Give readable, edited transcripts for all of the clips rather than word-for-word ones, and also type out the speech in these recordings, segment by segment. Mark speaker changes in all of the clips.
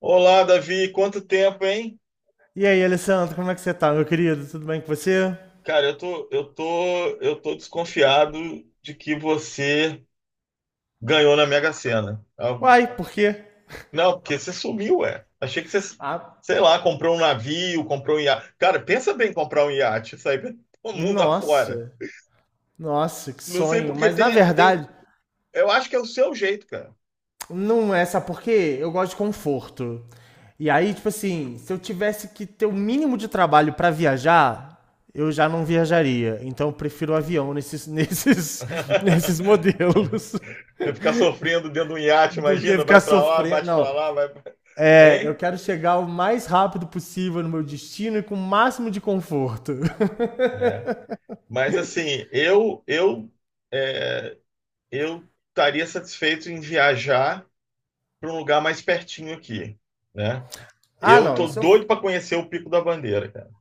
Speaker 1: Olá, Davi, quanto tempo, hein?
Speaker 2: E aí, Alessandro, como é que você tá, meu querido? Tudo bem com você?
Speaker 1: Cara, eu tô desconfiado de que você ganhou na Mega Sena. Ah,
Speaker 2: Uai, por quê?
Speaker 1: não, porque você sumiu, ué.
Speaker 2: Ah,
Speaker 1: Sei lá, comprou um navio, comprou um iate. Cara, pensa bem em comprar um iate, sair pelo mundo afora.
Speaker 2: nossa, nossa, que
Speaker 1: Não sei
Speaker 2: sonho.
Speaker 1: porque
Speaker 2: Mas na verdade,
Speaker 1: eu acho que é o seu jeito, cara.
Speaker 2: não é, sabe por quê? Eu gosto de conforto. E aí, tipo assim, se eu tivesse que ter o mínimo de trabalho pra viajar, eu já não viajaria. Então eu prefiro o avião nesses modelos
Speaker 1: Você ficar sofrendo dentro de um iate,
Speaker 2: do que
Speaker 1: imagina,
Speaker 2: ficar
Speaker 1: vai pra lá,
Speaker 2: sofrendo.
Speaker 1: bate pra
Speaker 2: Não,
Speaker 1: lá,
Speaker 2: é, eu
Speaker 1: hein?
Speaker 2: quero chegar o mais rápido possível no meu destino e com o máximo de conforto.
Speaker 1: É. Mas assim, eu é, eu estaria satisfeito em viajar para um lugar mais pertinho aqui, né?
Speaker 2: Ah,
Speaker 1: Eu
Speaker 2: não,
Speaker 1: tô
Speaker 2: isso eu
Speaker 1: doido para conhecer o Pico da Bandeira, cara.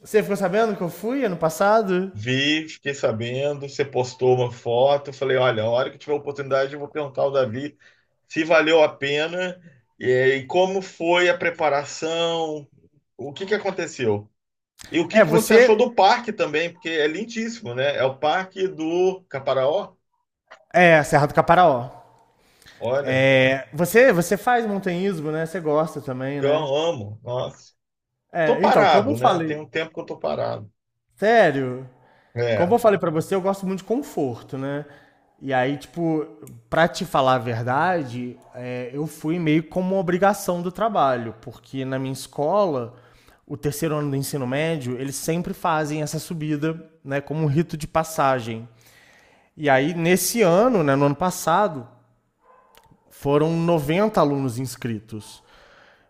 Speaker 2: você ficou sabendo que eu fui ano passado?
Speaker 1: Vi, fiquei sabendo, você postou uma foto, falei, olha, a hora que tiver oportunidade eu vou perguntar ao Davi se valeu a pena e como foi a preparação, o que que aconteceu? E o que
Speaker 2: É,
Speaker 1: que você achou
Speaker 2: você.
Speaker 1: do parque também, porque é lindíssimo, né? É o Parque do Caparaó.
Speaker 2: É, Serra do Caparaó.
Speaker 1: Olha,
Speaker 2: É, você faz montanhismo, né? Você gosta também,
Speaker 1: eu
Speaker 2: né?
Speaker 1: amo, nossa. Tô
Speaker 2: É, então, como eu
Speaker 1: parado, né? Tem
Speaker 2: falei.
Speaker 1: um tempo que eu tô parado.
Speaker 2: Sério? Como
Speaker 1: É.
Speaker 2: eu falei pra você, eu gosto muito de conforto, né? E aí, tipo, pra te falar a verdade, é, eu fui meio como uma obrigação do trabalho, porque na minha escola, o terceiro ano do ensino médio, eles sempre fazem essa subida, né, como um rito de passagem. E aí, nesse ano, né, no ano passado, foram 90 alunos inscritos.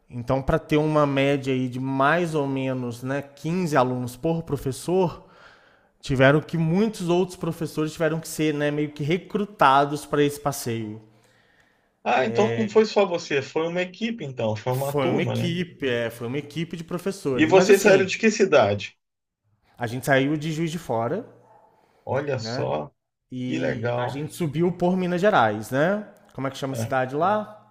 Speaker 2: Então, para ter uma média aí de mais ou menos né, 15 alunos por professor, tiveram que muitos outros professores tiveram que ser né, meio que recrutados para esse passeio.
Speaker 1: Ah, então não foi só você, foi uma equipe, então, foi uma
Speaker 2: Foi uma
Speaker 1: turma, né?
Speaker 2: equipe, é, foi uma equipe de
Speaker 1: E
Speaker 2: professores. Mas
Speaker 1: vocês saíram
Speaker 2: assim,
Speaker 1: de que cidade?
Speaker 2: a gente saiu de Juiz de Fora,
Speaker 1: Olha
Speaker 2: né?
Speaker 1: só, que
Speaker 2: E a
Speaker 1: legal.
Speaker 2: gente subiu por Minas Gerais, né? Como é que chama a
Speaker 1: É.
Speaker 2: cidade lá?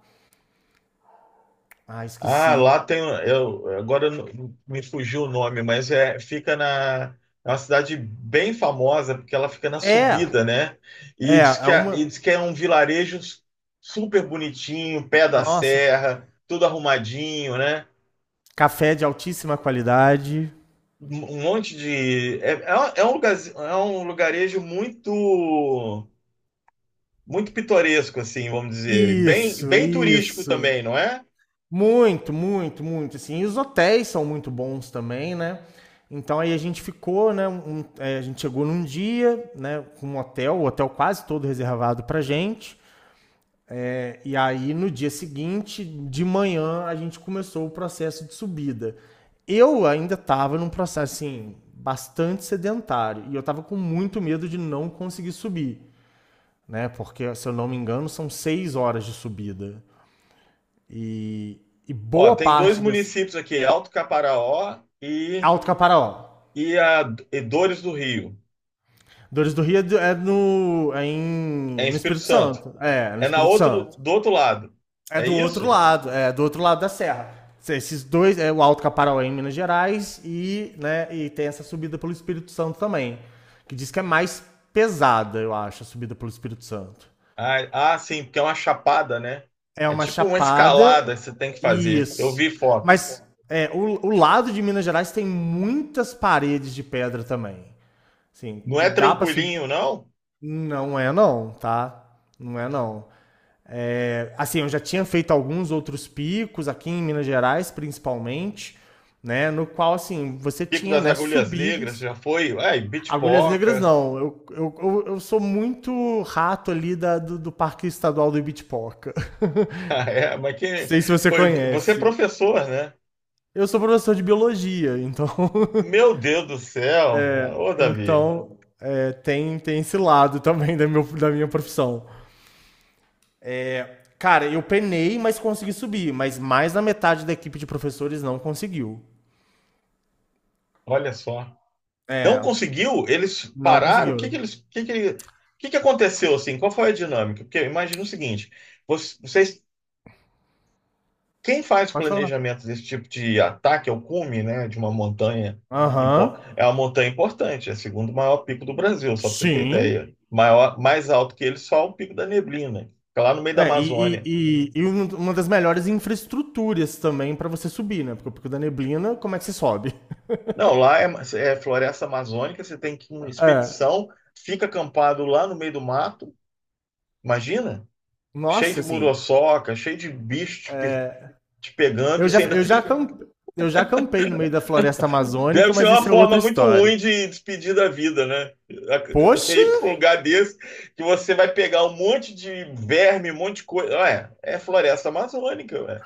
Speaker 2: Ah,
Speaker 1: Ah,
Speaker 2: esqueci.
Speaker 1: lá tem. Eu, agora eu não- me fugiu o nome, mas é, fica na. É uma cidade bem famosa, porque ela fica na
Speaker 2: É,
Speaker 1: subida, né? E
Speaker 2: é,
Speaker 1: diz
Speaker 2: é
Speaker 1: que, é- e
Speaker 2: uma,
Speaker 1: diz que é um vilarejo super bonitinho, pé da
Speaker 2: nossa,
Speaker 1: serra, tudo arrumadinho, né?
Speaker 2: café de altíssima qualidade.
Speaker 1: um um monte de. É, é, é um lugar, é um lugarejo muito pitoresco, assim, vamos dizer. Bem,
Speaker 2: Isso,
Speaker 1: bem turístico
Speaker 2: isso.
Speaker 1: também, não é?
Speaker 2: Muito, muito, muito. Assim, e os hotéis são muito bons também, né? Então aí a gente ficou, né? A gente chegou num dia, né? Com o hotel quase todo reservado pra gente. É. E aí no dia seguinte, de manhã, a gente começou o processo de subida. Eu ainda estava num processo assim bastante sedentário e eu estava com muito medo de não conseguir subir. Né? Porque, se eu não me engano, são 6 horas de subida. E, e
Speaker 1: Ó,
Speaker 2: boa
Speaker 1: tem dois
Speaker 2: parte dessa.
Speaker 1: municípios aqui, Alto Caparaó
Speaker 2: Alto Caparaó.
Speaker 1: e, a, e Dores do Rio.
Speaker 2: Dores do Rio é, do- é no, é
Speaker 1: É
Speaker 2: em,
Speaker 1: em
Speaker 2: no
Speaker 1: Espírito
Speaker 2: Espírito
Speaker 1: Santo.
Speaker 2: Santo. É, no
Speaker 1: É na
Speaker 2: Espírito
Speaker 1: outro,
Speaker 2: Santo.
Speaker 1: do outro lado.
Speaker 2: É
Speaker 1: É
Speaker 2: do outro
Speaker 1: isso?
Speaker 2: lado, é do outro lado da serra. Esses dois, é o Alto Caparaó é em Minas Gerais e, né, tem essa subida pelo Espírito Santo também. Que diz que é mais pesada, eu acho, a subida pelo Espírito Santo.
Speaker 1: Ah, ah, sim, porque é uma chapada, né?
Speaker 2: É
Speaker 1: É
Speaker 2: uma
Speaker 1: tipo uma
Speaker 2: chapada.
Speaker 1: escalada que você tem que fazer. Eu
Speaker 2: Isso.
Speaker 1: vi foto.
Speaker 2: Mas é, o lado de Minas Gerais tem muitas paredes de pedra também. Assim,
Speaker 1: Não
Speaker 2: que
Speaker 1: é
Speaker 2: dá pra subir.
Speaker 1: tranquilinho, não?
Speaker 2: Não é não, tá? Não é não. É, assim, eu já tinha feito alguns outros picos aqui em Minas Gerais, principalmente, né? No qual, assim, você
Speaker 1: Pico
Speaker 2: tinha,
Speaker 1: das
Speaker 2: né,
Speaker 1: Agulhas Negras,
Speaker 2: subidas.
Speaker 1: já foi? Ai,
Speaker 2: Agulhas Negras,
Speaker 1: Bitpoca.
Speaker 2: não. Eu sou muito rato ali do Parque Estadual do Ibitipoca.
Speaker 1: Ah, é, mas que.
Speaker 2: Sei se você
Speaker 1: Pô, você é
Speaker 2: conhece.
Speaker 1: professor, né?
Speaker 2: Eu sou professor de biologia, então,
Speaker 1: Meu Deus do céu! Ô, Davi,
Speaker 2: então é, tem esse lado também da minha profissão. Cara, eu penei, mas consegui subir. Mas mais da metade da equipe de professores não conseguiu.
Speaker 1: olha só. Não
Speaker 2: É,
Speaker 1: conseguiu? Eles
Speaker 2: não
Speaker 1: pararam? O que que
Speaker 2: conseguiu.
Speaker 1: eles. O que que aconteceu assim? Qual foi a dinâmica? Porque imagina o seguinte: vo- vocês Quem faz o
Speaker 2: Pode falar.
Speaker 1: planejamento desse tipo de ataque ao cume, né, de uma montanha,
Speaker 2: Aham.
Speaker 1: é uma montanha importante, é o segundo maior pico do Brasil, só para você ter
Speaker 2: Sim.
Speaker 1: ideia. Maior, mais alto que ele, só o Pico da Neblina, que é lá no meio da
Speaker 2: É,
Speaker 1: Amazônia.
Speaker 2: uma das melhores infraestruturas também pra você subir, né? Porque da neblina, como é que você sobe?
Speaker 1: Não, é floresta amazônica, você tem que ir em uma
Speaker 2: É.
Speaker 1: expedição, fica acampado lá no meio do mato, imagina? Cheio
Speaker 2: Nossa,
Speaker 1: de
Speaker 2: assim,
Speaker 1: muriçoca, cheio de te pegando,
Speaker 2: Eu
Speaker 1: e
Speaker 2: já,
Speaker 1: você ainda
Speaker 2: eu já
Speaker 1: tem
Speaker 2: campei. Eu já campei no meio da floresta amazônica,
Speaker 1: deve ser
Speaker 2: mas isso
Speaker 1: uma
Speaker 2: é outra
Speaker 1: forma muito
Speaker 2: história.
Speaker 1: ruim de despedir da vida, né? Você
Speaker 2: Poxa,
Speaker 1: ir para um lugar desse que você vai pegar um monte de verme, um monte de coisa. Ué, é floresta amazônica, ué.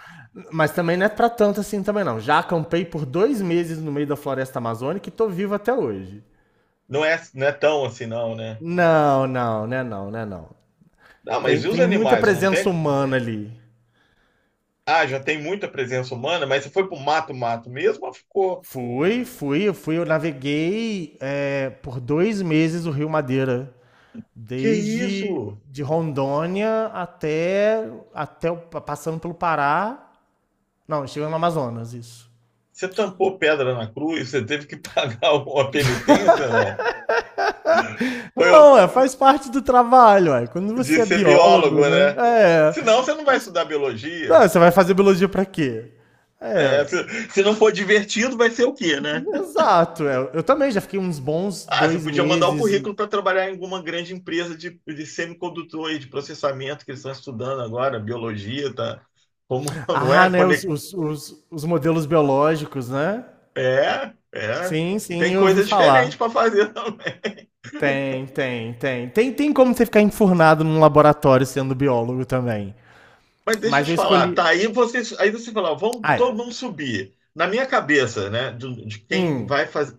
Speaker 2: mas também não é pra tanto assim também não. Já acampei por 2 meses no meio da floresta amazônica e tô vivo até hoje.
Speaker 1: Não é, não é tão assim, não, né?
Speaker 2: Não, não, né não, né não.
Speaker 1: Ah, mas
Speaker 2: Tem,
Speaker 1: e os
Speaker 2: tem muita
Speaker 1: animais? Não
Speaker 2: presença
Speaker 1: tem?
Speaker 2: humana ali.
Speaker 1: Ah, já tem muita presença humana, mas você foi pro mato, mato mesmo, ou ficou.
Speaker 2: Eu naveguei é, por 2 meses o Rio Madeira,
Speaker 1: Que
Speaker 2: desde
Speaker 1: isso?
Speaker 2: de Rondônia até, passando pelo Pará, não, chegando no Amazonas, isso.
Speaker 1: Você tampou pedra na cruz? Você teve que pagar uma penitência, não? Foi o-
Speaker 2: Não, é, faz parte do trabalho, ué. Quando
Speaker 1: de
Speaker 2: você é
Speaker 1: ser biólogo,
Speaker 2: biólogo, né?
Speaker 1: né?
Speaker 2: É.
Speaker 1: Senão você não vai
Speaker 2: faz-
Speaker 1: estudar
Speaker 2: Não,
Speaker 1: biologia.
Speaker 2: você vai fazer biologia pra quê?
Speaker 1: É,
Speaker 2: É,
Speaker 1: se não for divertido, vai ser o quê, né?
Speaker 2: exato. É. Eu também já fiquei uns bons
Speaker 1: Ah, você
Speaker 2: dois
Speaker 1: podia mandar o
Speaker 2: meses.
Speaker 1: currículo para trabalhar em alguma grande empresa de semicondutor e de processamento que eles estão estudando agora, biologia, tá? Como, não
Speaker 2: Ah,
Speaker 1: é?
Speaker 2: né? Os,
Speaker 1: Conec-
Speaker 2: os, os, os modelos biológicos, né?
Speaker 1: é, é.
Speaker 2: Sim,
Speaker 1: Tem
Speaker 2: sim, eu ouvi
Speaker 1: coisa diferente
Speaker 2: falar.
Speaker 1: para fazer também.
Speaker 2: Tem, tem, tem. Tem como você ficar enfurnado num laboratório sendo biólogo também.
Speaker 1: Mas deixa eu
Speaker 2: Mas
Speaker 1: te
Speaker 2: eu
Speaker 1: falar,
Speaker 2: escolhi.
Speaker 1: tá? Aí você fala, vamos
Speaker 2: Ah,
Speaker 1: todo
Speaker 2: é.
Speaker 1: mundo subir. Na minha cabeça, né, quem
Speaker 2: Hum,
Speaker 1: vai fazer?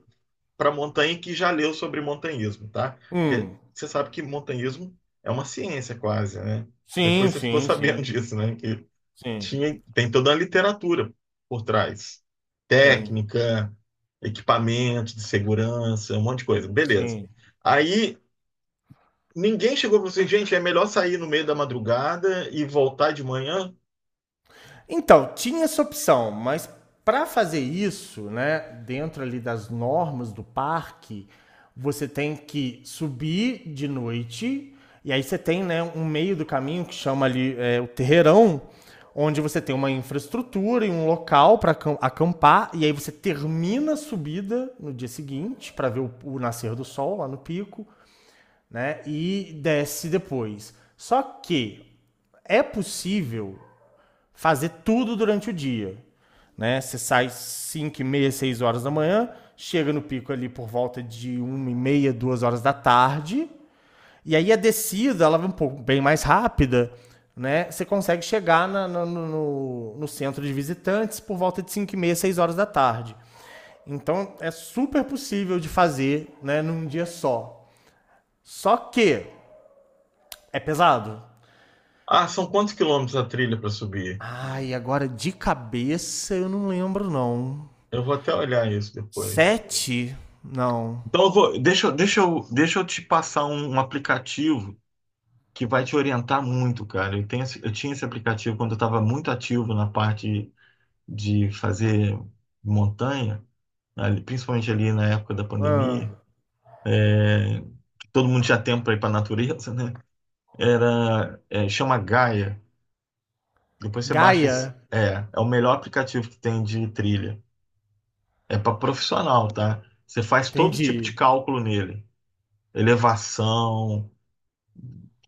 Speaker 1: Para Montaigne que já leu sobre montanhismo, tá? Porque
Speaker 2: hum.
Speaker 1: você sabe que montanhismo é uma ciência quase, né? Depois
Speaker 2: Sim,
Speaker 1: você ficou
Speaker 2: sim,
Speaker 1: sabendo
Speaker 2: sim.
Speaker 1: disso, né? Que
Speaker 2: Sim,
Speaker 1: tem toda a literatura por trás.
Speaker 2: sim,
Speaker 1: Técnica, equipamento de segurança, um monte de coisa. Beleza.
Speaker 2: sim.
Speaker 1: Aí ninguém chegou para você, gente, é melhor sair no meio da madrugada e voltar de manhã?
Speaker 2: Então, tinha essa opção, mas para fazer isso, né, dentro ali das normas do parque, você tem que subir de noite e aí você tem, né, um meio do caminho que chama ali é, o terreirão, onde você tem uma infraestrutura e um local para acampar e aí você termina a subida no dia seguinte para ver o nascer do sol lá no pico, né, e desce depois. Só que é possível fazer tudo durante o dia. Né? Você sai 5, e meia, 6 horas da manhã, chega no pico ali por volta de uma e meia, 2 horas da tarde, e aí a descida ela vai um pouco bem mais rápida, né? Você consegue chegar no centro de visitantes por volta de 5 e meia, 6 horas da tarde. Então é super possível de fazer né, num dia só. Só que é pesado.
Speaker 1: Ah, são quantos quilômetros a trilha para subir?
Speaker 2: Ai, agora de cabeça eu não lembro, não.
Speaker 1: Eu vou até olhar isso depois.
Speaker 2: Sete? Não.
Speaker 1: Então, eu vou, deixa eu te passar um aplicativo que vai te orientar muito, cara. Eu, tenho, esse- eu tinha esse aplicativo quando eu estava muito ativo na parte de fazer montanha, ali- principalmente ali na época da pandemia.
Speaker 2: Ah,
Speaker 1: Todo mundo tinha tempo para ir para a natureza, né? Era, é, chama Gaia. Depois você baixa esse.
Speaker 2: Gaia,
Speaker 1: É, é o melhor aplicativo que tem de trilha. É para profissional, tá? Você faz todo tipo de
Speaker 2: entendi.
Speaker 1: cálculo nele, elevação,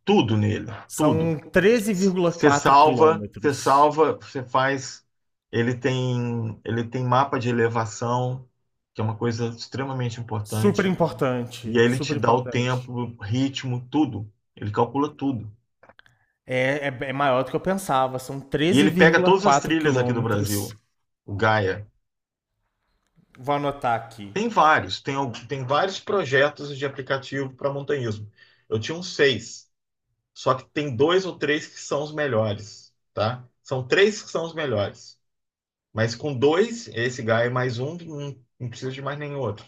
Speaker 1: tudo nele, tudo.
Speaker 2: São treze vírgula quatro quilômetros.
Speaker 1: Você faz. Ele tem mapa de elevação, que é uma coisa extremamente
Speaker 2: Super
Speaker 1: importante. E
Speaker 2: importante,
Speaker 1: aí ele
Speaker 2: super
Speaker 1: te dá o
Speaker 2: importante.
Speaker 1: tempo, o ritmo, tudo. Ele calcula tudo.
Speaker 2: É, maior do que eu pensava, são
Speaker 1: E
Speaker 2: treze
Speaker 1: ele pega
Speaker 2: vírgula
Speaker 1: todas as
Speaker 2: quatro
Speaker 1: trilhas aqui do
Speaker 2: quilômetros.
Speaker 1: Brasil, o Gaia.
Speaker 2: Vou anotar aqui.
Speaker 1: Tem vários, tem, al- tem vários projetos de aplicativo para montanhismo. Eu tinha uns seis, só que tem dois ou três que são os melhores, tá? São três que são os melhores. Mas com dois, esse Gaia mais um, não precisa de mais nenhum outro.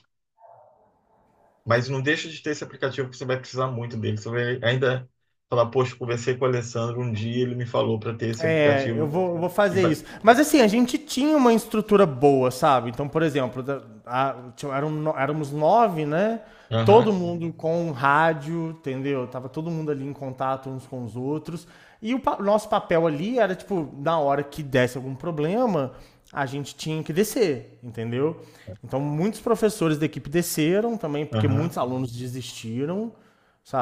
Speaker 1: Mas não deixa de ter esse aplicativo que você vai precisar muito dele. Você vai ainda falar, poxa, conversei com o Alessandro um dia, ele me falou para ter esse
Speaker 2: É, eu
Speaker 1: aplicativo.
Speaker 2: vou, eu vou
Speaker 1: E
Speaker 2: fazer
Speaker 1: vai...
Speaker 2: isso. Mas assim, a gente tinha uma estrutura boa, sabe? Então, por exemplo, da- a- tinha- eram no- éramos nove, né? Todo
Speaker 1: Aham,
Speaker 2: mundo com rádio, entendeu? Tava todo mundo ali em contato uns com os outros. E nosso papel ali era, tipo, na hora que desse algum problema, a gente tinha que descer, entendeu? Então, muitos professores da equipe desceram também, porque
Speaker 1: aham.
Speaker 2: muitos alunos desistiram,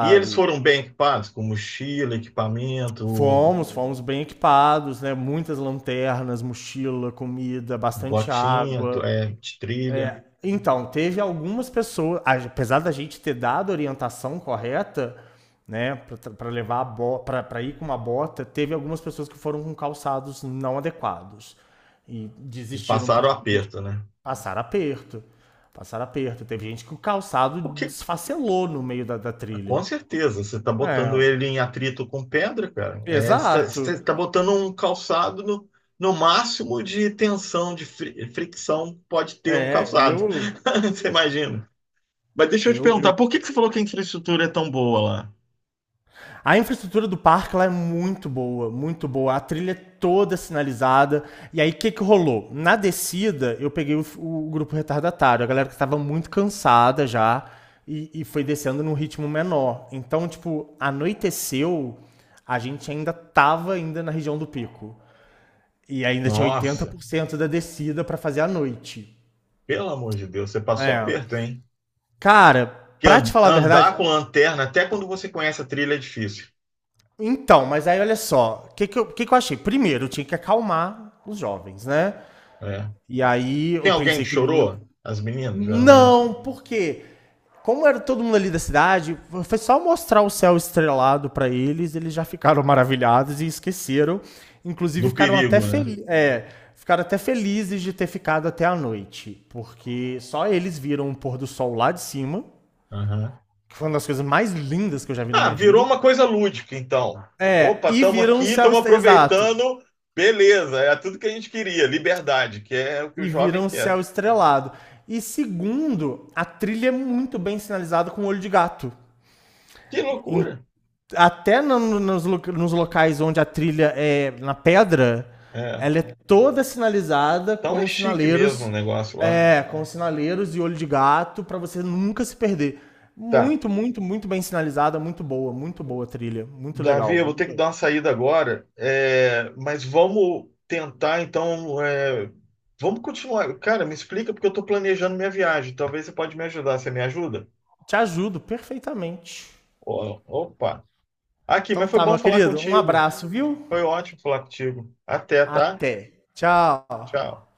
Speaker 1: E eles foram bem equipados, com mochila, equipamento,
Speaker 2: Fomos bem equipados, né? Muitas lanternas, mochila, comida, bastante
Speaker 1: botinha, tu-
Speaker 2: água.
Speaker 1: é, de trilha,
Speaker 2: Então, teve algumas pessoas, apesar da gente ter dado a orientação correta, né, para levar a bota, para ir com uma bota, teve algumas pessoas que foram com calçados não adequados e
Speaker 1: e
Speaker 2: desistiram
Speaker 1: passaram
Speaker 2: por
Speaker 1: o
Speaker 2: conta de
Speaker 1: aperto, né?
Speaker 2: passar aperto. Passar aperto. Teve gente que o calçado
Speaker 1: O que
Speaker 2: desfacelou no meio da
Speaker 1: com
Speaker 2: trilha.
Speaker 1: certeza, você está botando
Speaker 2: É,
Speaker 1: ele em atrito com pedra, cara. É,
Speaker 2: exato.
Speaker 1: você está botando um calçado no, no máximo de tensão, de fricção que pode ter um
Speaker 2: É,
Speaker 1: calçado. Você imagina? Mas deixa eu te perguntar,
Speaker 2: eu
Speaker 1: por que que você falou que a infraestrutura é tão boa lá?
Speaker 2: A infraestrutura do parque lá é muito boa, muito boa. A trilha é toda sinalizada. E aí, o que, que rolou? Na descida, eu peguei o grupo retardatário, a galera que estava muito cansada já e foi descendo num ritmo menor. Então, tipo, anoiteceu, a gente ainda tava ainda na região do pico. E ainda tinha
Speaker 1: Nossa,
Speaker 2: 80% da descida para fazer à noite.
Speaker 1: pelo amor de Deus, você passou
Speaker 2: É.
Speaker 1: aperto, hein?
Speaker 2: Cara,
Speaker 1: Que
Speaker 2: pra te falar a verdade,
Speaker 1: andar com lanterna, até quando você conhece a trilha, é difícil.
Speaker 2: então, mas aí olha só, o que que eu achei? Primeiro, eu tinha que acalmar os jovens, né?
Speaker 1: É.
Speaker 2: E aí
Speaker 1: Tem
Speaker 2: eu
Speaker 1: alguém
Speaker 2: pensei
Speaker 1: que
Speaker 2: que eles iam.
Speaker 1: chorou? As meninas, geralmente.
Speaker 2: Não, porque como era todo mundo ali da cidade, foi só mostrar o céu estrelado pra eles, eles já ficaram maravilhados e esqueceram. Inclusive
Speaker 1: Do
Speaker 2: ficaram até
Speaker 1: perigo, né?
Speaker 2: felizes, é, ficaram até felizes de ter ficado até a noite, porque só eles viram o pôr do sol lá de cima, que foi uma das coisas mais lindas que eu já vi na
Speaker 1: Ah,
Speaker 2: minha
Speaker 1: virou
Speaker 2: vida.
Speaker 1: uma coisa lúdica, então.
Speaker 2: É,
Speaker 1: Opa,
Speaker 2: e
Speaker 1: estamos
Speaker 2: viram
Speaker 1: aqui,
Speaker 2: o céu
Speaker 1: estamos
Speaker 2: estrelado. Exato.
Speaker 1: aproveitando. Beleza, é tudo que a gente queria, liberdade, que é o que o
Speaker 2: E vira
Speaker 1: jovem
Speaker 2: um céu
Speaker 1: quer.
Speaker 2: estrelado. E segundo, a trilha é muito bem sinalizada com olho de gato.
Speaker 1: Que
Speaker 2: Em-
Speaker 1: loucura!
Speaker 2: até no- no- nos, lo- nos locais onde a trilha é na pedra,
Speaker 1: É.
Speaker 2: ela é toda sinalizada
Speaker 1: Então
Speaker 2: com
Speaker 1: é
Speaker 2: os
Speaker 1: chique mesmo o
Speaker 2: sinaleiros,
Speaker 1: negócio lá.
Speaker 2: e olho de gato pra você nunca se perder.
Speaker 1: Tá,
Speaker 2: Muito, muito, muito bem sinalizada, muito boa a trilha, muito
Speaker 1: Davi, eu
Speaker 2: legal,
Speaker 1: vou ter
Speaker 2: muito
Speaker 1: que dar
Speaker 2: legal.
Speaker 1: uma saída agora, é, mas vamos tentar, então, é, vamos continuar. Cara, me explica porque eu estou planejando minha viagem. Talvez você pode me ajudar. Você me ajuda?
Speaker 2: Te ajudo perfeitamente.
Speaker 1: Ó, opa! Aqui,
Speaker 2: Então
Speaker 1: mas foi
Speaker 2: tá,
Speaker 1: bom
Speaker 2: meu
Speaker 1: falar
Speaker 2: querido, um
Speaker 1: contigo.
Speaker 2: abraço, viu?
Speaker 1: Foi ótimo falar contigo. Até, tá?
Speaker 2: Até. Tchau.
Speaker 1: Tchau.